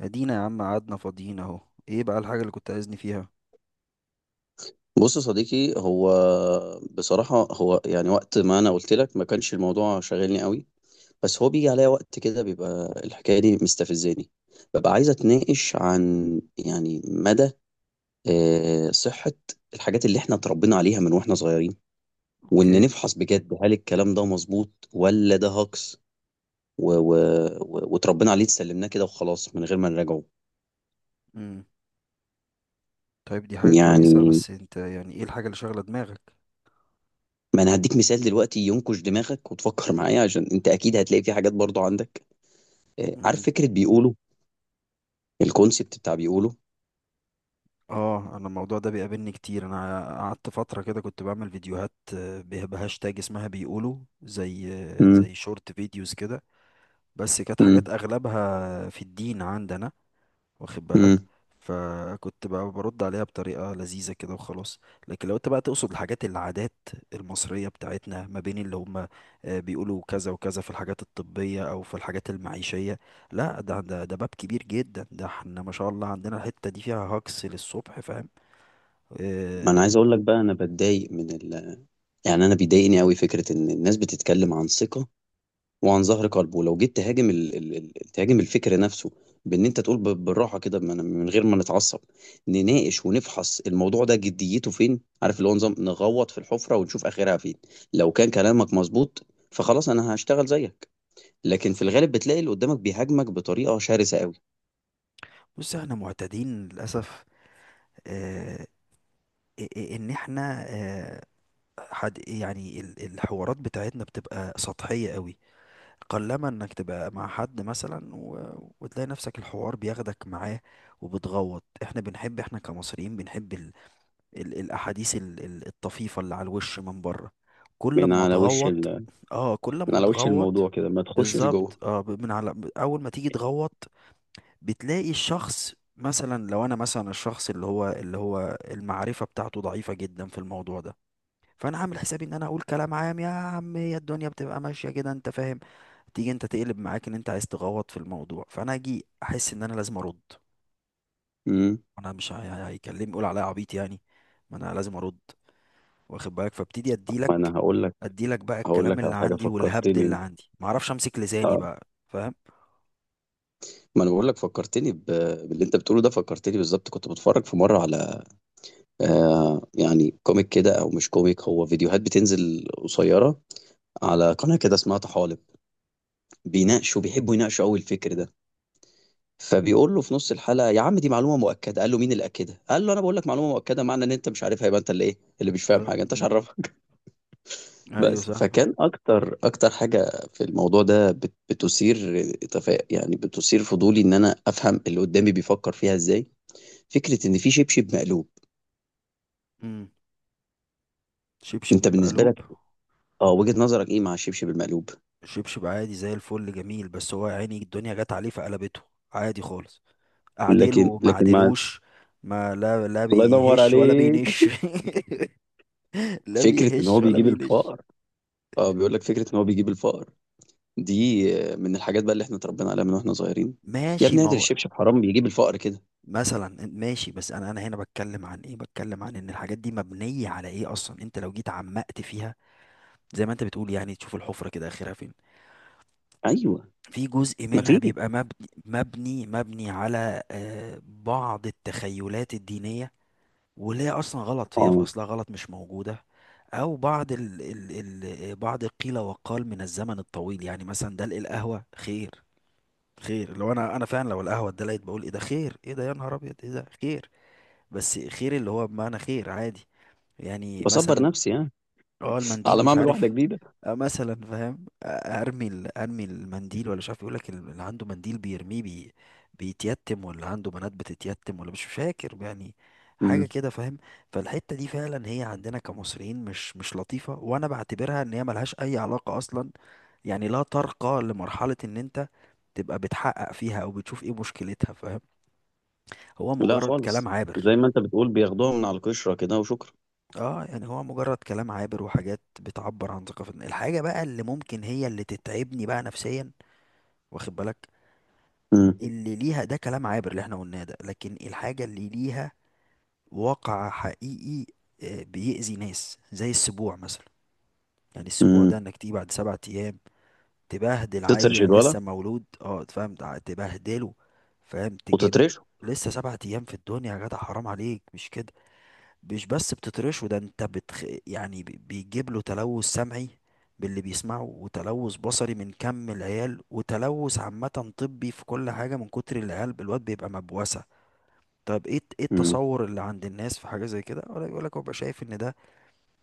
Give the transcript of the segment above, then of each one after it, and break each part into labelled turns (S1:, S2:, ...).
S1: ادينا يا عم قعدنا فاضيين اهو. ايه بقى الحاجة اللي كنت عايزني فيها؟
S2: بُص يا صديقي، هو بصراحة هو يعني وقت ما أنا قُلت لك ما كانش الموضوع شاغلني أوي، بس هو بييجي عليَّ وقت كده بيبقى الحكاية دي مستفزاني، بابقى عايز أتناقش عن يعني مدى صحة الحاجات اللي إحنا اتربينا عليها من وإحنا صغيرين، وإن
S1: اوكي.
S2: نفحص بجد هل الكلام ده مضبوط والّا ده هجص و و و واتربينا عليه اتسلمناه كده وخلاص من غير ما نراجعه.
S1: امم. طيب دي حاجة كويسة،
S2: يعني
S1: بس انت يعني ايه الحاجة اللي شاغلة دماغك؟
S2: ما أنا هادّيك مثال دلوقتي ينكش دماغك وتفكر معايا عشان أنت أكيد هتلاقي في حاجات برضه عندك. عارف
S1: امم.
S2: فكرة بيقولوا، الكونسيبت بتاع بيقولوا.
S1: اه، انا الموضوع ده بيقابلني كتير. انا قعدت فترة كده كنت بعمل فيديوهات بهاشتاج اسمها بيقولوا زي
S2: امم.
S1: زي شورت فيديوز كده. بس كانت حاجات
S2: امم.
S1: اغلبها في الدين عندنا، واخد بالك؟
S2: امم.
S1: فكنت بقى برد عليها بطريقة لذيذة كده وخلاص. لكن لو انت بقى تقصد الحاجات، العادات المصرية بتاعتنا، ما بين اللي هم بيقولوا كذا وكذا في الحاجات الطبية او في الحاجات المعيشية، لا ده باب كبير جدا. ده احنا ما شاء الله عندنا الحتة دي فيها هجص للصبح، فاهم؟
S2: ما انا
S1: آه.
S2: عايز اقول لك بقى انا بتضايق من يعني انا بيضايقني قوي فكرة ان الناس بتتكلم عن ثقة وعن ظهر قلب، ولو جيت تهاجم تهاجم الفكر نفسه، بان انت تقول بالراحة كده من غير ما نتعصب نناقش ونفحص الموضوع ده جديته فين، عارف اللي هو نظام نغوط في الحفرة ونشوف اخرها فين. لو كان كلامك مظبوط فخلاص انا هشتغل زيك، لكن في الغالب بتلاقي اللي قدامك بيهاجمك بطريقة شرسة قوي.
S1: بص، احنا معتادين للأسف، آه، ان احنا، آه، حد يعني الحوارات بتاعتنا بتبقى سطحية قوي. قلما انك تبقى مع حد مثلا و... وتلاقي نفسك الحوار بياخدك معاه، وبتغوط. احنا بنحب، احنا كمصريين بنحب الاحاديث الطفيفة اللي على الوش من بره. كل
S2: من
S1: ما
S2: على وش.
S1: تغوط، اه كل
S2: من
S1: ما
S2: على وش الموضوع
S1: تغوط
S2: كده، ما تخشش جوه.
S1: بالظبط. اه، من على اول ما تيجي تغوط، بتلاقي الشخص مثلا، لو انا مثلا، الشخص اللي هو المعرفة بتاعته ضعيفة جدا في الموضوع ده، فانا عامل حسابي ان انا اقول كلام عام. يا عم هي الدنيا بتبقى ماشيه كده، انت فاهم. تيجي انت تقلب معاك ان انت عايز تغوط في الموضوع، فانا اجي احس ان انا لازم ارد.
S2: امم.
S1: انا مش هيكلمني يقول عليا عبيط يعني، ما انا لازم ارد، واخد بالك؟ فابتدي اديلك،
S2: ما انا هقول لك،
S1: اديلك بقى الكلام
S2: على
S1: اللي
S2: حاجه
S1: عندي والهبد
S2: فكرتني
S1: اللي
S2: انت.
S1: عندي، ما اعرفش امسك لساني
S2: اه،
S1: بقى، فاهم؟
S2: ما انا بقول لك فكرتني باللي انت بتقوله ده. فكرتني بالظبط، كنت بتفرج في مره على، آه يعني كوميك كده، او مش كوميك، هو فيديوهات بتنزل قصيره على قناه كده اسمها طحالب، بيناقشوا، بيحبوا
S1: مم.
S2: يناقشوا قوي الفكر ده. فبيقول له في نص الحلقه: يا عم دي معلومه مؤكده. قال له: مين اللي اكدها؟ قال له: انا بقول لك معلومه مؤكده، معنى ان انت مش عارفها يبقى انت اللي ايه؟ اللي مش فاهم حاجه انت، مش
S1: مم.
S2: عارف.
S1: ايوه
S2: بس
S1: صح.
S2: فكان اكتر حاجه في الموضوع ده يعني بتثير فضولي ان انا افهم اللي قدامي بيفكر فيها ازاي. فكره ان في شبشب مقلوب.
S1: مم. شبشب
S2: انت بالنسبه
S1: مقلوب.
S2: لك، اه، وجهه نظرك ايه مع الشبشب المقلوب؟
S1: شبشب عادي زي الفل، جميل. بس هو يا عيني الدنيا جت عليه فقلبته، عادي خالص.
S2: لكن
S1: اعدله ما
S2: لكن مع.
S1: عدلوش، ما لا
S2: الله ينور
S1: بيهش ولا
S2: عليك.
S1: بينش. لا
S2: فكره ان
S1: بيهش
S2: هو
S1: ولا
S2: بيجيب
S1: بينش.
S2: الفقر. اه، بيقول لك فكره ان هو بيجيب الفقر دي من الحاجات بقى اللي احنا اتربينا عليها من واحنا صغيرين. يا
S1: ماشي
S2: ابني
S1: ما
S2: هادر
S1: هو،
S2: الشبشب، حرام، بيجيب الفقر كده.
S1: مثلا ماشي. بس انا هنا بتكلم عن ايه، بتكلم عن ان الحاجات دي مبنية على ايه اصلا. انت لو جيت عمقت فيها، زي ما انت بتقول، يعني تشوف الحفرة كده اخرها فين.
S2: ايوه.
S1: في جزء منها
S2: مفيش.
S1: بيبقى مبني على، آه، بعض التخيلات الدينية، واللي هي اصلا غلط. هي في
S2: اه،
S1: اصلها غلط، مش موجوده. او بعض ال بعض القيل والقال من الزمن الطويل. يعني مثلا دلق القهوه خير. خير، لو انا فعلا لو القهوه اتدلقت بقول: ايه ده خير، ايه ده يا نهار ابيض، ايه ده خير. بس خير اللي هو بمعنى خير عادي. يعني
S2: بصبر
S1: مثلا،
S2: نفسي يعني،
S1: اه، المنديل،
S2: على ما
S1: مش
S2: اعمل واحده
S1: عارف،
S2: جديده.
S1: آه مثلا فاهم. آه، ارمي ارمي المنديل، ولا مش عارف، يقولك اللي عنده منديل بيرميه بيتيتم، ولا عنده بنات بتتيتم، ولا مش فاكر يعني، حاجة
S2: مم.
S1: كده فاهم. فالحتة دي فعلا هي عندنا كمصريين مش مش لطيفة، وانا بعتبرها ان هي ملهاش اي علاقة اصلا. يعني لا ترقى لمرحلة ان انت تبقى بتحقق فيها او بتشوف ايه مشكلتها، فاهم؟ هو
S2: لا
S1: مجرد
S2: خالص.
S1: كلام عابر.
S2: زي ما انت بتقول، بياخدوها من على القشرة كده وشكرا.
S1: اه، يعني هو مجرد كلام عابر وحاجات بتعبر عن ثقافتنا. الحاجة بقى اللي ممكن هي اللي تتعبني بقى نفسيا، واخد بالك،
S2: مم.
S1: اللي ليها، ده كلام عابر اللي احنا قلناه ده، لكن الحاجة اللي ليها واقع حقيقي، آه، بيأذي ناس، زي السبوع مثلا. يعني السبوع ده
S2: مم.
S1: انك تيجي بعد 7 ايام تبهدل
S2: تترش
S1: عيل
S2: الولا،
S1: لسه مولود، اه فاهم، تبهدله. فاهم، تجيب له،
S2: وتترشه.
S1: لسه سبعة ايام في الدنيا يا جدع، حرام عليك، مش كده؟ مش بس بتطرشه، ده انت بتخ... يعني بيجيب له تلوث سمعي باللي بيسمعه، وتلوث بصري من كم العيال، وتلوث عامة طبي في كل حاجة من كتر العيال. الواد بيبقى مبوسة. طب ايه، ايه
S2: مم.
S1: التصور اللي عند الناس في حاجة زي كده؟ ولا يقول لك هو بقى شايف ان ده،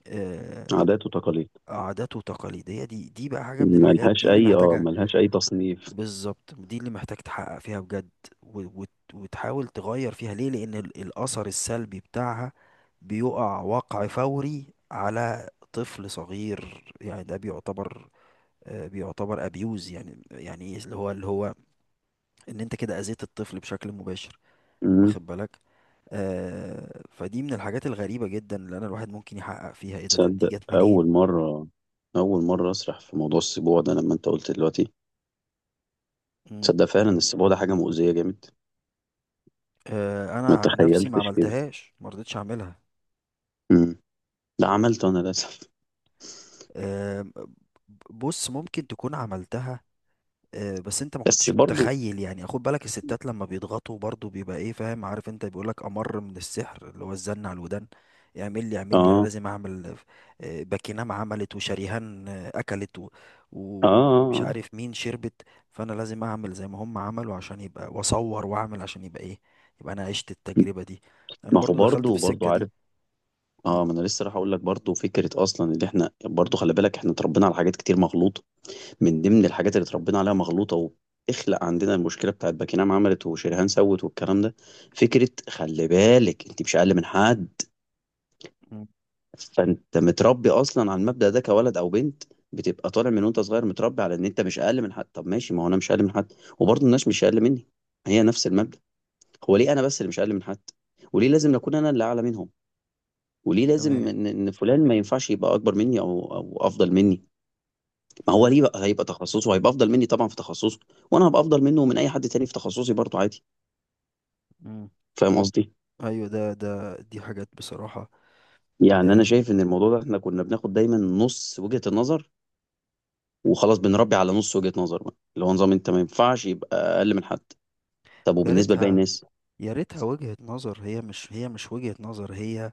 S1: آه،
S2: عادات وتقاليد.
S1: عادات وتقاليد. هي دي بقى حاجة من الحاجات
S2: ملهاش
S1: دي اللي
S2: اي، اه،
S1: محتاجة،
S2: ملهاش اي تصنيف.
S1: بالظبط، دي اللي محتاج تحقق فيها بجد. وتحاول تغير فيها. ليه؟ لأن الأثر السلبي بتاعها بيقع وقع فوري على طفل صغير. يعني ده بيعتبر، آه، بيعتبر أبيوز. يعني يعني إيه؟ اللي هو إن أنت كده أذيت الطفل بشكل مباشر،
S2: مم.
S1: واخد بالك. آه، فدي من الحاجات الغريبة جدا اللي أنا الواحد ممكن يحقق فيها، إيه ده؟ طب دي
S2: تصدق
S1: جت منين؟
S2: اول مرة اسرح في موضوع السبوع ده لما انت قلت دلوقتي.
S1: مم.
S2: تصدق فعلا السبوع ده حاجة مؤذية جامد.
S1: آه،
S2: ما
S1: أنا عن نفسي ما
S2: تخيلتش كده.
S1: عملتهاش، ما رضيتش أعملها.
S2: مم. لا، عملته انا للاسف.
S1: آم. بص، ممكن تكون عملتها، آه، بس انت ما
S2: بس
S1: كنتش
S2: برضو.
S1: متخيل. يعني خد بالك، الستات لما بيضغطوا برضو بيبقى ايه، فاهم؟ عارف انت بيقول لك امر من السحر، اللي هو الزن على الودان. اعمل لي، اعمل لي، انا
S2: اه.
S1: لازم اعمل، آه، باكينام عملت وشريهان، آه، اكلت، و...
S2: اه. آه.
S1: ومش
S2: آه.
S1: عارف مين شربت. فانا لازم اعمل زي ما هم عملوا، عشان يبقى، واصور واعمل عشان يبقى ايه، يبقى انا عشت التجربة دي، انا
S2: ما هو
S1: برضو دخلت في
S2: برضو،
S1: السكة دي.
S2: عارف.
S1: م-
S2: اه، ما انا لسه راح اقول لك، برضو فكره اصلا اللي احنا، برضو خلي بالك احنا اتربينا على حاجات كتير مغلوطه. من ضمن الحاجات اللي اتربينا عليها مغلوطه، وبتخلق عندنا المشكله بتاعت باكينام عملت وشريهان سوت والكلام ده، فكره، خلي بالك، انت مش اقل من حد.
S1: م-
S2: فانت متربي اصلا على المبدا ده، كولد او بنت، بتبقى طالع من وانت صغير متربي على ان انت مش اقل من حد. طب ماشي، ما هو انا مش اقل من حد، وبرضه الناس مش اقل مني، هي نفس المبدا. هو ليه انا بس اللي مش اقل من حد؟ وليه لازم اكون انا اللي اعلى منهم؟ وليه لازم
S1: تمام.
S2: إن فلان ما ينفعش يبقى اكبر مني او افضل مني؟ ما هو
S1: م-
S2: ليه بقى؟ هيبقى تخصصه، هيبقى افضل مني طبعا في تخصصه، وانا هبقى افضل منه ومن اي حد تاني في تخصصي، برضه عادي.
S1: م.
S2: فاهم قصدي؟
S1: ايوه، ده دي حاجات بصراحه،
S2: يعني
S1: آه.
S2: انا شايف ان الموضوع ده احنا كنا بناخد دايما نص وجهة النظر، وخلاص بنربي على نص وجهة نظر بقى، اللي هو نظام انت ما ينفعش يبقى اقل من حد. طب
S1: ويا
S2: وبالنسبة لباقي
S1: ريتها،
S2: الناس؟
S1: يا ريتها وجهه نظر. هي مش وجهه نظر. هي،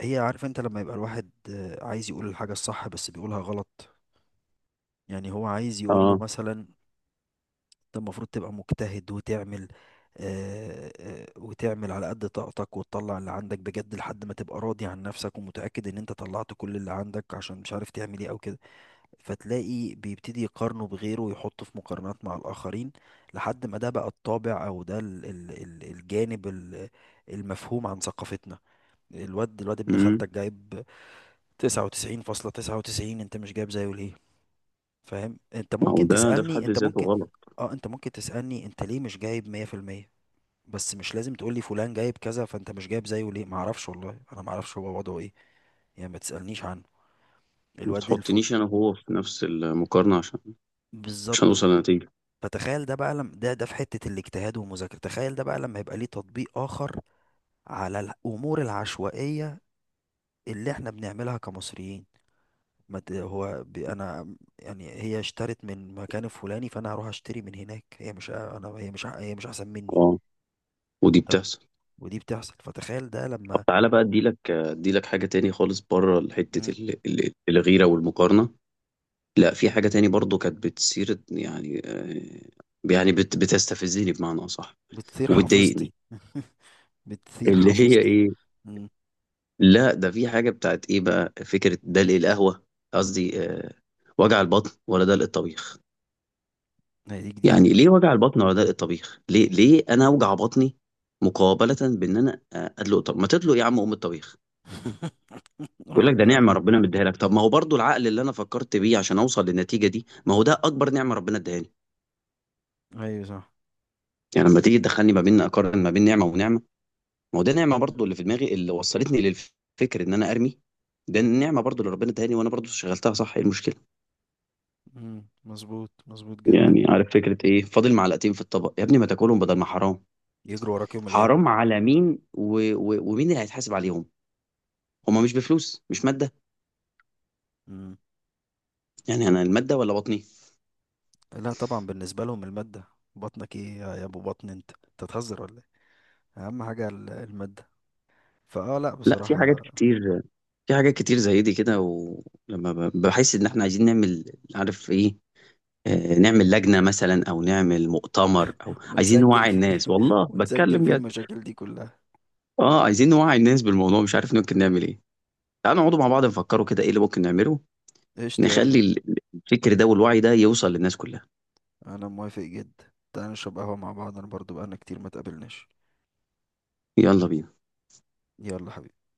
S1: هي عارف انت لما يبقى الواحد، آه، عايز يقول الحاجه الصح بس بيقولها غلط. يعني هو عايز يقول له
S2: اه.
S1: مثلا: انت المفروض تبقى مجتهد وتعمل، وتعمل على قد طاقتك وتطلع اللي عندك بجد، لحد ما تبقى راضي عن نفسك ومتاكد ان انت طلعت كل اللي عندك، عشان مش عارف تعمل ايه او كده. فتلاقي بيبتدي يقارنه بغيره ويحطه في مقارنات مع الآخرين، لحد ما ده بقى الطابع، أو ده ال ال ال الجانب المفهوم عن ثقافتنا. الواد، ابن
S2: امم.
S1: خالتك جايب 99.99، أنت مش جايب زيه ليه؟ فاهم؟ أنت
S2: ما هو
S1: ممكن
S2: ده في
S1: تسألني،
S2: حد
S1: أنت
S2: ذاته
S1: ممكن
S2: غلط.
S1: اه أنت ممكن تسألني: أنت ليه مش جايب 100%؟ بس مش لازم تقولي فلان جايب كذا فأنت مش جايب زيه ليه. معرفش، والله أنا معرفش هو وضعه إيه، يعني ما تسألنيش عنه.
S2: ما
S1: الواد الفل،
S2: تحطنيش انا وهو في نفس المقارنة، عشان مش
S1: بالظبط.
S2: هنوصل لنتيجة.
S1: فتخيل ده بقى لم، ده ده في حتة الاجتهاد والمذاكرة، تخيل ده بقى لما يبقى ليه تطبيق آخر، على الأمور العشوائية اللي احنا بنعملها كمصريين. ما ت- هو ب- انا يعني، هي اشترت من مكان الفلاني، فانا هروح اشتري من هناك. هي مش، انا هي مش احسن مني.
S2: اه. ودي
S1: طب.
S2: بتحصل.
S1: ودي بتحصل، فتخيل ده
S2: طب
S1: لما،
S2: تعالى بقى، اديلك، حاجة تاني خالص بره حتة
S1: مم.
S2: الغيرة والمقارنة. لا، في حاجة تاني برضو كانت بتصير، يعني يعني بتستفزني بمعنى أصح،
S1: بتثير
S2: وبتضايقني.
S1: حافظتي. بتثير
S2: اللي هي
S1: حافظتي.
S2: ايه؟
S1: مم.
S2: لا، ده في حاجة بتاعت ايه بقى، فكرة دلق القهوة، قصدي وجع البطن، ولا دلق الطبيخ.
S1: هي دي جديدة
S2: يعني
S1: دي.
S2: ليه وجع البطن ولا دلق الطبيخ؟ ليه انا اوجع بطني مقابلة بان انا ادلق؟ طب ما تدلق يا عم ام الطبيخ. يقول
S1: آه،
S2: لك ده نعمة ربنا مديها لك. طب ما هو برضو العقل اللي انا فكرت بيه عشان اوصل للنتيجة دي، ما هو ده اكبر نعمة ربنا اديها لي.
S1: ايوه صح.
S2: يعني لما تيجي تدخلني ما بين اقارن ما بين نعمة ونعمة، ما هو ده نعمة برضو،
S1: مم.
S2: اللي في دماغي اللي وصلتني للفكر ان انا ارمي، ده النعمة برضو اللي ربنا اديها لي، وانا برضو شغلتها صح، ايه المشكلة؟
S1: مم. مظبوط، مظبوط جدا.
S2: يعني عارف فكرة ايه؟ فاضل معلقتين في الطبق، يا ابني ما تاكلهم بدل ما حرام.
S1: يجروا وراك يوم الايام.
S2: حرام على مين؟ ومين اللي هيتحاسب عليهم؟ هما
S1: مم.
S2: مش بفلوس، مش مادة.
S1: مم.
S2: يعني انا المادة ولا بطني؟
S1: لا طبعا، بالنسبه لهم الماده. بطنك ايه يا، ابو بطن، انت، تهزر ولا ايه؟ اهم حاجه الماده. فاه، لا
S2: لا، في حاجات
S1: بصراحه.
S2: كتير. في حاجات كتير زي دي كده، ولما بحس ان احنا عايزين نعمل، عارف ايه، نعمل لجنة مثلا، او نعمل مؤتمر، او عايزين
S1: ونسجل
S2: نوعي
S1: فيه.
S2: الناس، والله
S1: ونسجل
S2: بتكلم
S1: فيه
S2: بجد.
S1: المشاكل دي كلها.
S2: اه، عايزين نوعي الناس بالموضوع، مش عارف ممكن نعمل ايه. تعالوا نقعدوا مع بعض نفكروا كده ايه اللي ممكن نعمله،
S1: قشطة،
S2: نخلي
S1: يلا.
S2: الفكر ده والوعي ده يوصل للناس كلها.
S1: انا موافق جدا. تعال نشرب قهوة مع بعض، انا برضو بقالنا كتير ما تقابلناش.
S2: يلا بينا.
S1: يلا حبيبي.